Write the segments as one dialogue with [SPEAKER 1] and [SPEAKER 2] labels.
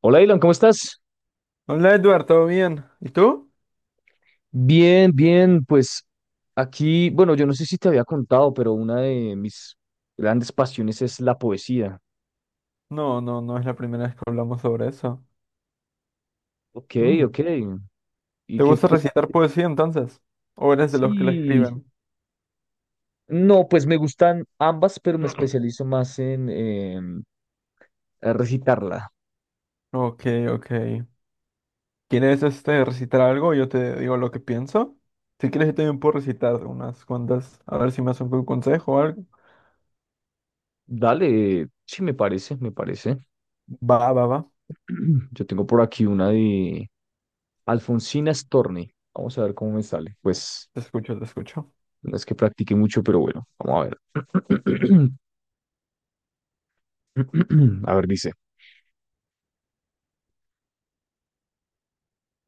[SPEAKER 1] Hola, Ilan, ¿cómo estás?
[SPEAKER 2] Hola Edward, ¿todo bien? ¿Y tú?
[SPEAKER 1] Bien, bien, pues aquí, bueno, yo no sé si te había contado, pero una de mis grandes pasiones es la poesía.
[SPEAKER 2] No es la primera vez que hablamos sobre eso.
[SPEAKER 1] Ok,
[SPEAKER 2] Mm.
[SPEAKER 1] ok. ¿Y
[SPEAKER 2] ¿Te
[SPEAKER 1] qué?
[SPEAKER 2] gusta
[SPEAKER 1] Qué-
[SPEAKER 2] recitar poesía entonces? ¿O eres de los que la
[SPEAKER 1] Sí,
[SPEAKER 2] escriben?
[SPEAKER 1] no, pues me gustan ambas, pero me especializo más a recitarla.
[SPEAKER 2] Ok, ok. ¿Quieres recitar algo? Yo te digo lo que pienso. Si quieres, yo también puedo recitar unas cuantas. A ver si me haces un consejo o algo.
[SPEAKER 1] Dale, sí, me parece, me parece.
[SPEAKER 2] Va, va, va.
[SPEAKER 1] Yo tengo por aquí una de Alfonsina Storni. Vamos a ver cómo me sale. Pues
[SPEAKER 2] Te escucho, te escucho.
[SPEAKER 1] no es que practique mucho, pero bueno, vamos a ver. A ver, dice.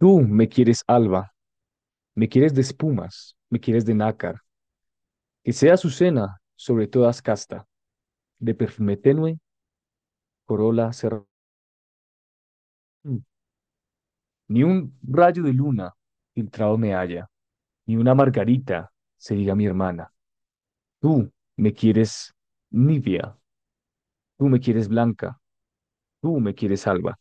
[SPEAKER 1] Tú me quieres alba, me quieres de espumas, me quieres de nácar, que sea su cena sobre todas casta, de perfume tenue, corola cer- Mm. Ni un rayo de luna filtrado me halla, ni una margarita se diga mi hermana. Tú me quieres nibia, tú me quieres blanca, tú me quieres alba.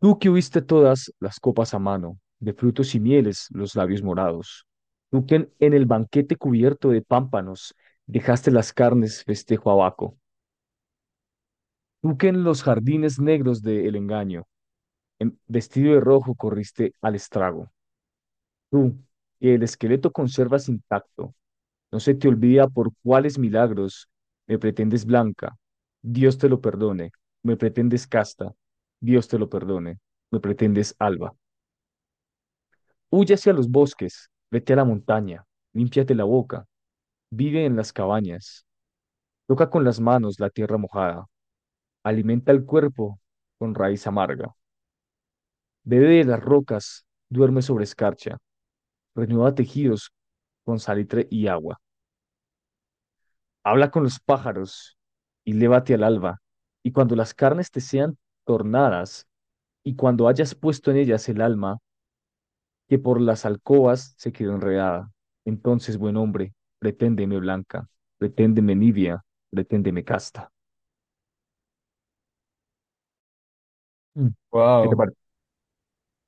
[SPEAKER 1] Tú que huiste todas las copas a mano, de frutos y mieles los labios morados. Tú que en el banquete cubierto de pámpanos dejaste las carnes festejo abaco. Tú que en los jardines negros del engaño, en- vestido de rojo, corriste al estrago. Tú que el esqueleto conservas intacto, no se te olvida por cuáles milagros me pretendes blanca. Dios te lo perdone. Me pretendes casta. Dios te lo perdone. Me pretendes alba. Huye hacia los bosques, vete a la montaña, límpiate la boca, vive en las cabañas, toca con las manos la tierra mojada, alimenta el cuerpo con raíz amarga. Bebe de las rocas, duerme sobre escarcha, renueva tejidos con salitre y agua. Habla con los pájaros y lévate al alba. Y cuando las carnes te sean tornadas, y cuando hayas puesto en ellas el alma, que por las alcobas se quedó enredada. Entonces, buen hombre, preténdeme blanca, preténdeme nibia, preténdeme casta. Mm. ¿Qué te,
[SPEAKER 2] Wow.
[SPEAKER 1] par-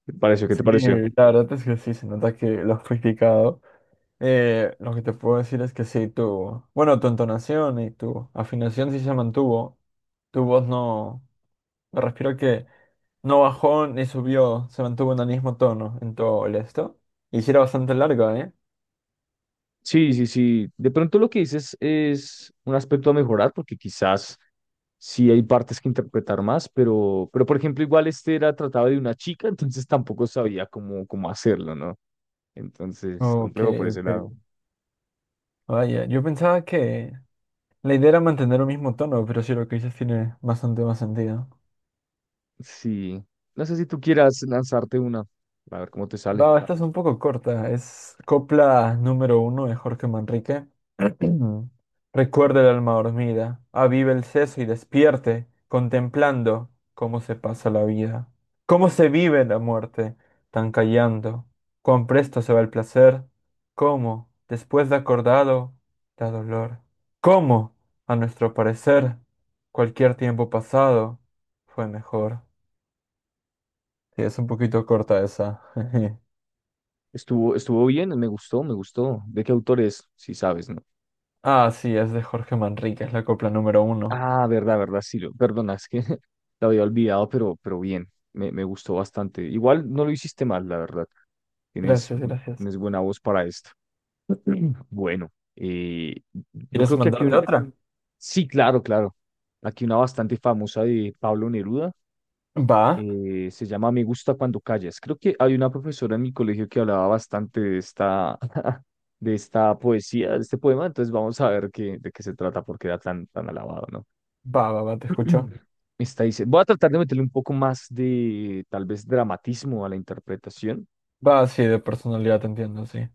[SPEAKER 1] te pareció? ¿Qué te
[SPEAKER 2] Sí,
[SPEAKER 1] pareció?
[SPEAKER 2] la verdad es que sí, se nota que lo has practicado. Lo que te puedo decir es que sí, bueno, tu entonación y tu afinación sí se mantuvo. Tu voz no, me refiero que no bajó ni subió, se mantuvo en el mismo tono en todo el esto. Y sí era bastante larga, ¿eh?
[SPEAKER 1] Sí, sí, sí. De pronto lo que dices es un aspecto a mejorar, porque quizás sí hay partes que interpretar más, pero por ejemplo, igual este era tratado de una chica, entonces tampoco sabía cómo, cómo hacerlo, ¿no? Entonces,
[SPEAKER 2] Ok,
[SPEAKER 1] complejo por ese
[SPEAKER 2] ok.
[SPEAKER 1] lado.
[SPEAKER 2] Vaya, yo pensaba que la idea era mantener un mismo tono, pero sí lo que dices tiene bastante más sentido.
[SPEAKER 1] Sí. No sé si tú quieras lanzarte una, a ver cómo te sale.
[SPEAKER 2] Va, esta es un poco corta. Es copla número uno de Jorge Manrique. Recuerda el alma dormida, avive el seso y despierte, contemplando cómo se pasa la vida, cómo se vive la muerte, tan callando, cuán presto se va el placer, cómo, después de acordado, da dolor, cómo, a nuestro parecer, cualquier tiempo pasado fue mejor. Sí, es un poquito corta esa.
[SPEAKER 1] Estuvo, estuvo bien, me gustó, me gustó. ¿De qué autor es? Si sabes, ¿no?
[SPEAKER 2] Ah, sí, es de Jorge Manrique, es la copla número uno.
[SPEAKER 1] Ah, verdad, verdad, sí, lo, perdona, es que lo había olvidado, pero bien, me gustó bastante. Igual no lo hiciste mal, la verdad. Tienes,
[SPEAKER 2] Gracias,
[SPEAKER 1] bu-
[SPEAKER 2] gracias.
[SPEAKER 1] tienes buena voz para esto. Bueno, yo
[SPEAKER 2] ¿Quieres
[SPEAKER 1] creo que aquí
[SPEAKER 2] mandarte
[SPEAKER 1] un...
[SPEAKER 2] otra?
[SPEAKER 1] Sí, claro, claro. Aquí una bastante famosa de Pablo Neruda.
[SPEAKER 2] Va,
[SPEAKER 1] Eh, se llama Me gusta cuando callas. Creo que hay una profesora en mi colegio que hablaba bastante de esta, de esta poesía, de este poema. Entonces vamos a ver qué, de qué se trata, porque era tan, tan alabado, ¿no?
[SPEAKER 2] Va, te escucho.
[SPEAKER 1] Está dice, voy a tratar de meterle un poco más de tal vez dramatismo a la interpretación
[SPEAKER 2] Va, sí, de personalidad te entiendo, sí.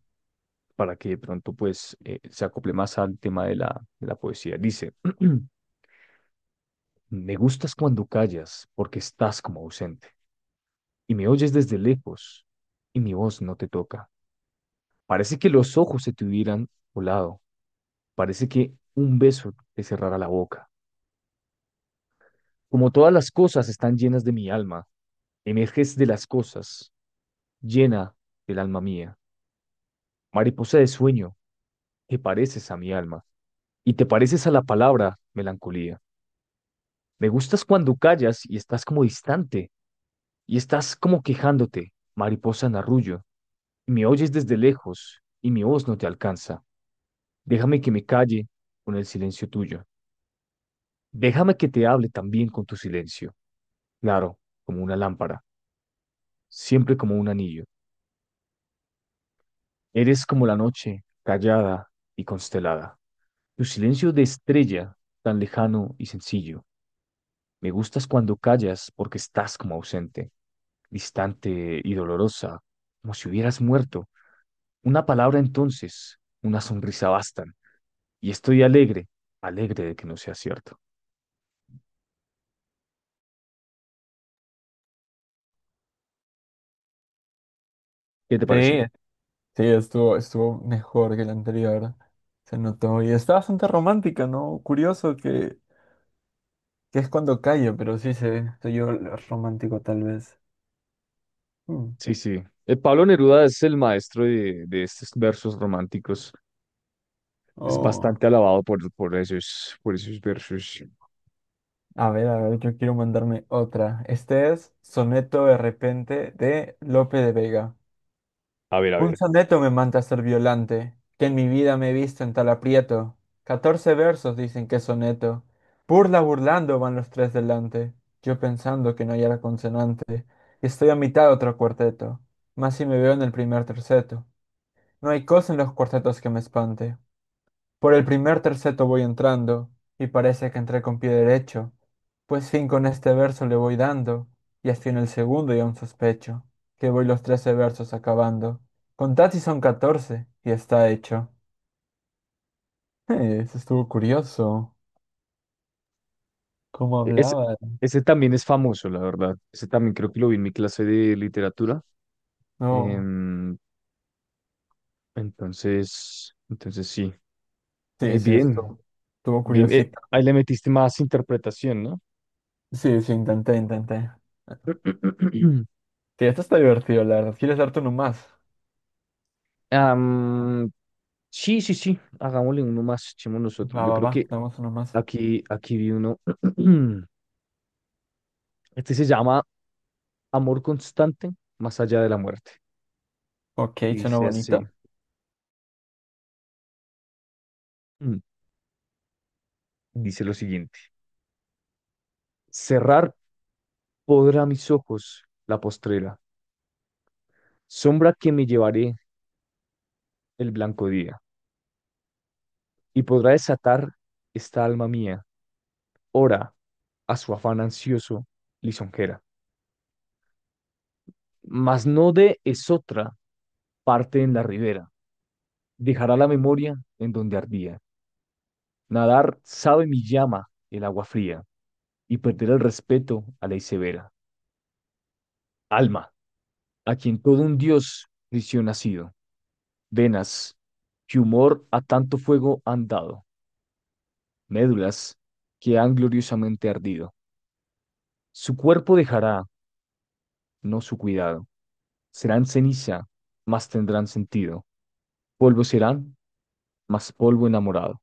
[SPEAKER 1] para que de pronto pues se acople más al tema de la poesía. Dice, me gustas cuando callas porque estás como ausente y me oyes desde lejos y mi voz no te toca. Parece que los ojos se te hubieran volado, parece que un beso te cerrara la boca. Como todas las cosas están llenas de mi alma, emerges de las cosas, llena del alma mía. Mariposa de sueño. Te pareces a mi alma y te pareces a la palabra melancolía. Me gustas cuando callas y estás como distante y estás como quejándote, mariposa en arrullo. Me oyes desde lejos y mi voz no te alcanza. Déjame que me calle con el silencio tuyo. Déjame que te hable también con tu silencio. Claro, como una lámpara, siempre como un anillo. Eres como la noche, callada y constelada. Tu silencio de estrella, tan lejano y sencillo. Me gustas cuando callas porque estás como ausente, distante y dolorosa, como si hubieras muerto. Una palabra entonces, una sonrisa bastan. Y estoy alegre, alegre de que no sea cierto. ¿Qué te parece?
[SPEAKER 2] Sí, sí, estuvo mejor que la anterior. Se notó. Y está bastante romántica, ¿no? Curioso que es cuando calla, pero sí se yo romántico tal vez. Mm.
[SPEAKER 1] Sí, sí. Pablo Neruda es el maestro de estos versos románticos. Es
[SPEAKER 2] Oh.
[SPEAKER 1] bastante alabado por esos versos.
[SPEAKER 2] A ver, yo quiero mandarme otra. Este es Soneto de repente de Lope de Vega.
[SPEAKER 1] A ver, a
[SPEAKER 2] Un
[SPEAKER 1] ver.
[SPEAKER 2] soneto me manda a ser violante, que en mi vida me he visto en tal aprieto. Catorce versos dicen que es soneto. Burla burlando van los tres delante. Yo pensando que no hallara consonante, y estoy a mitad de otro cuarteto. Más si me veo en el primer terceto. No hay cosa en los cuartetos que me espante. Por el primer terceto voy entrando, y parece que entré con pie derecho, pues fin con este verso le voy dando, y así en el segundo y aún sospecho, que voy los trece versos acabando. Contad si son catorce, y está hecho. Eso estuvo curioso. ¿Cómo
[SPEAKER 1] E- Es,
[SPEAKER 2] hablaba?
[SPEAKER 1] ese también es famoso, la verdad. Ese también creo que lo vi en mi clase de literatura.
[SPEAKER 2] No.
[SPEAKER 1] Em, Entonces, entonces sí.
[SPEAKER 2] Sí, sí,
[SPEAKER 1] Bien,
[SPEAKER 2] estuvo
[SPEAKER 1] bien. Eh,
[SPEAKER 2] curiosito.
[SPEAKER 1] ahí le metiste más interpretación, ¿no?
[SPEAKER 2] Sí, sí, intenté. Sí, esto está divertido, la verdad. ¿Quieres darte uno más?
[SPEAKER 1] Am, sí, sí, sí. Hagámosle uno más, echemos nosotros.
[SPEAKER 2] Va,
[SPEAKER 1] Yo
[SPEAKER 2] va,
[SPEAKER 1] creo
[SPEAKER 2] va,
[SPEAKER 1] que
[SPEAKER 2] damos uno más.
[SPEAKER 1] aquí, aquí vi uno. Este se llama Amor constante más allá de la muerte.
[SPEAKER 2] Ok,
[SPEAKER 1] Y
[SPEAKER 2] suena
[SPEAKER 1] dice
[SPEAKER 2] bonito.
[SPEAKER 1] así. mm, Dice lo siguiente. Cerrar podrá mis ojos la postrera, sombra que me llevaré el blanco día, y podrá desatar esta alma mía ora a su afán ansioso lisonjera. Mas no de esotra parte en la ribera, dejará la memoria en donde ardía. Nadar sabe mi llama el agua fría, y perder el respeto a ley severa. Alma, a quien todo un dios prisión ha sido. Venas, que humor a tanto fuego han dado. Médulas, que han gloriosamente ardido. Su cuerpo dejará, no su cuidado. Serán ceniza, mas tendrán sentido. Polvo serán, más polvo enamorado.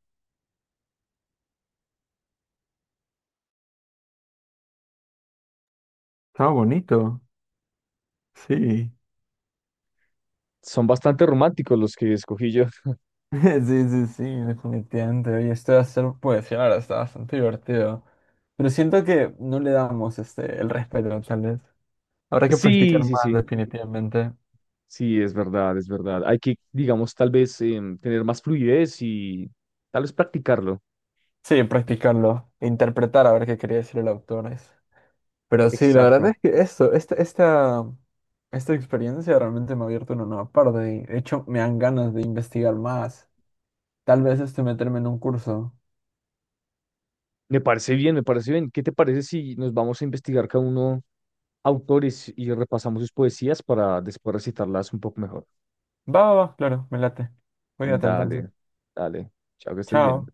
[SPEAKER 2] Estaba bonito. Sí.
[SPEAKER 1] Son bastante románticos los que escogí yo.
[SPEAKER 2] Sí, sí, sí, definitivamente. Oye, esto de hacer poesía, la verdad, está bastante divertido. Pero siento que no le damos el respeto, tal vez. Habrá que practicar
[SPEAKER 1] Sí, sí,
[SPEAKER 2] más,
[SPEAKER 1] sí.
[SPEAKER 2] definitivamente.
[SPEAKER 1] Sí, es verdad, es verdad. Hay que, digamos, tal vez tener más fluidez y tal vez practicarlo.
[SPEAKER 2] Sí, practicarlo. Interpretar a ver qué quería decir el autor. Pero sí, la verdad
[SPEAKER 1] Exacto.
[SPEAKER 2] es que esta experiencia realmente me ha abierto una nueva parte. Y, de hecho, me dan ganas de investigar más. Tal vez meterme en un curso.
[SPEAKER 1] Me parece bien, me parece bien. ¿Qué te parece si nos vamos a investigar cada uno autores y repasamos sus poesías para después recitarlas un poco mejor?
[SPEAKER 2] Va, va, va, claro, me late. Cuídate
[SPEAKER 1] Dale,
[SPEAKER 2] entonces.
[SPEAKER 1] dale. Chao, que estés bien.
[SPEAKER 2] Chao.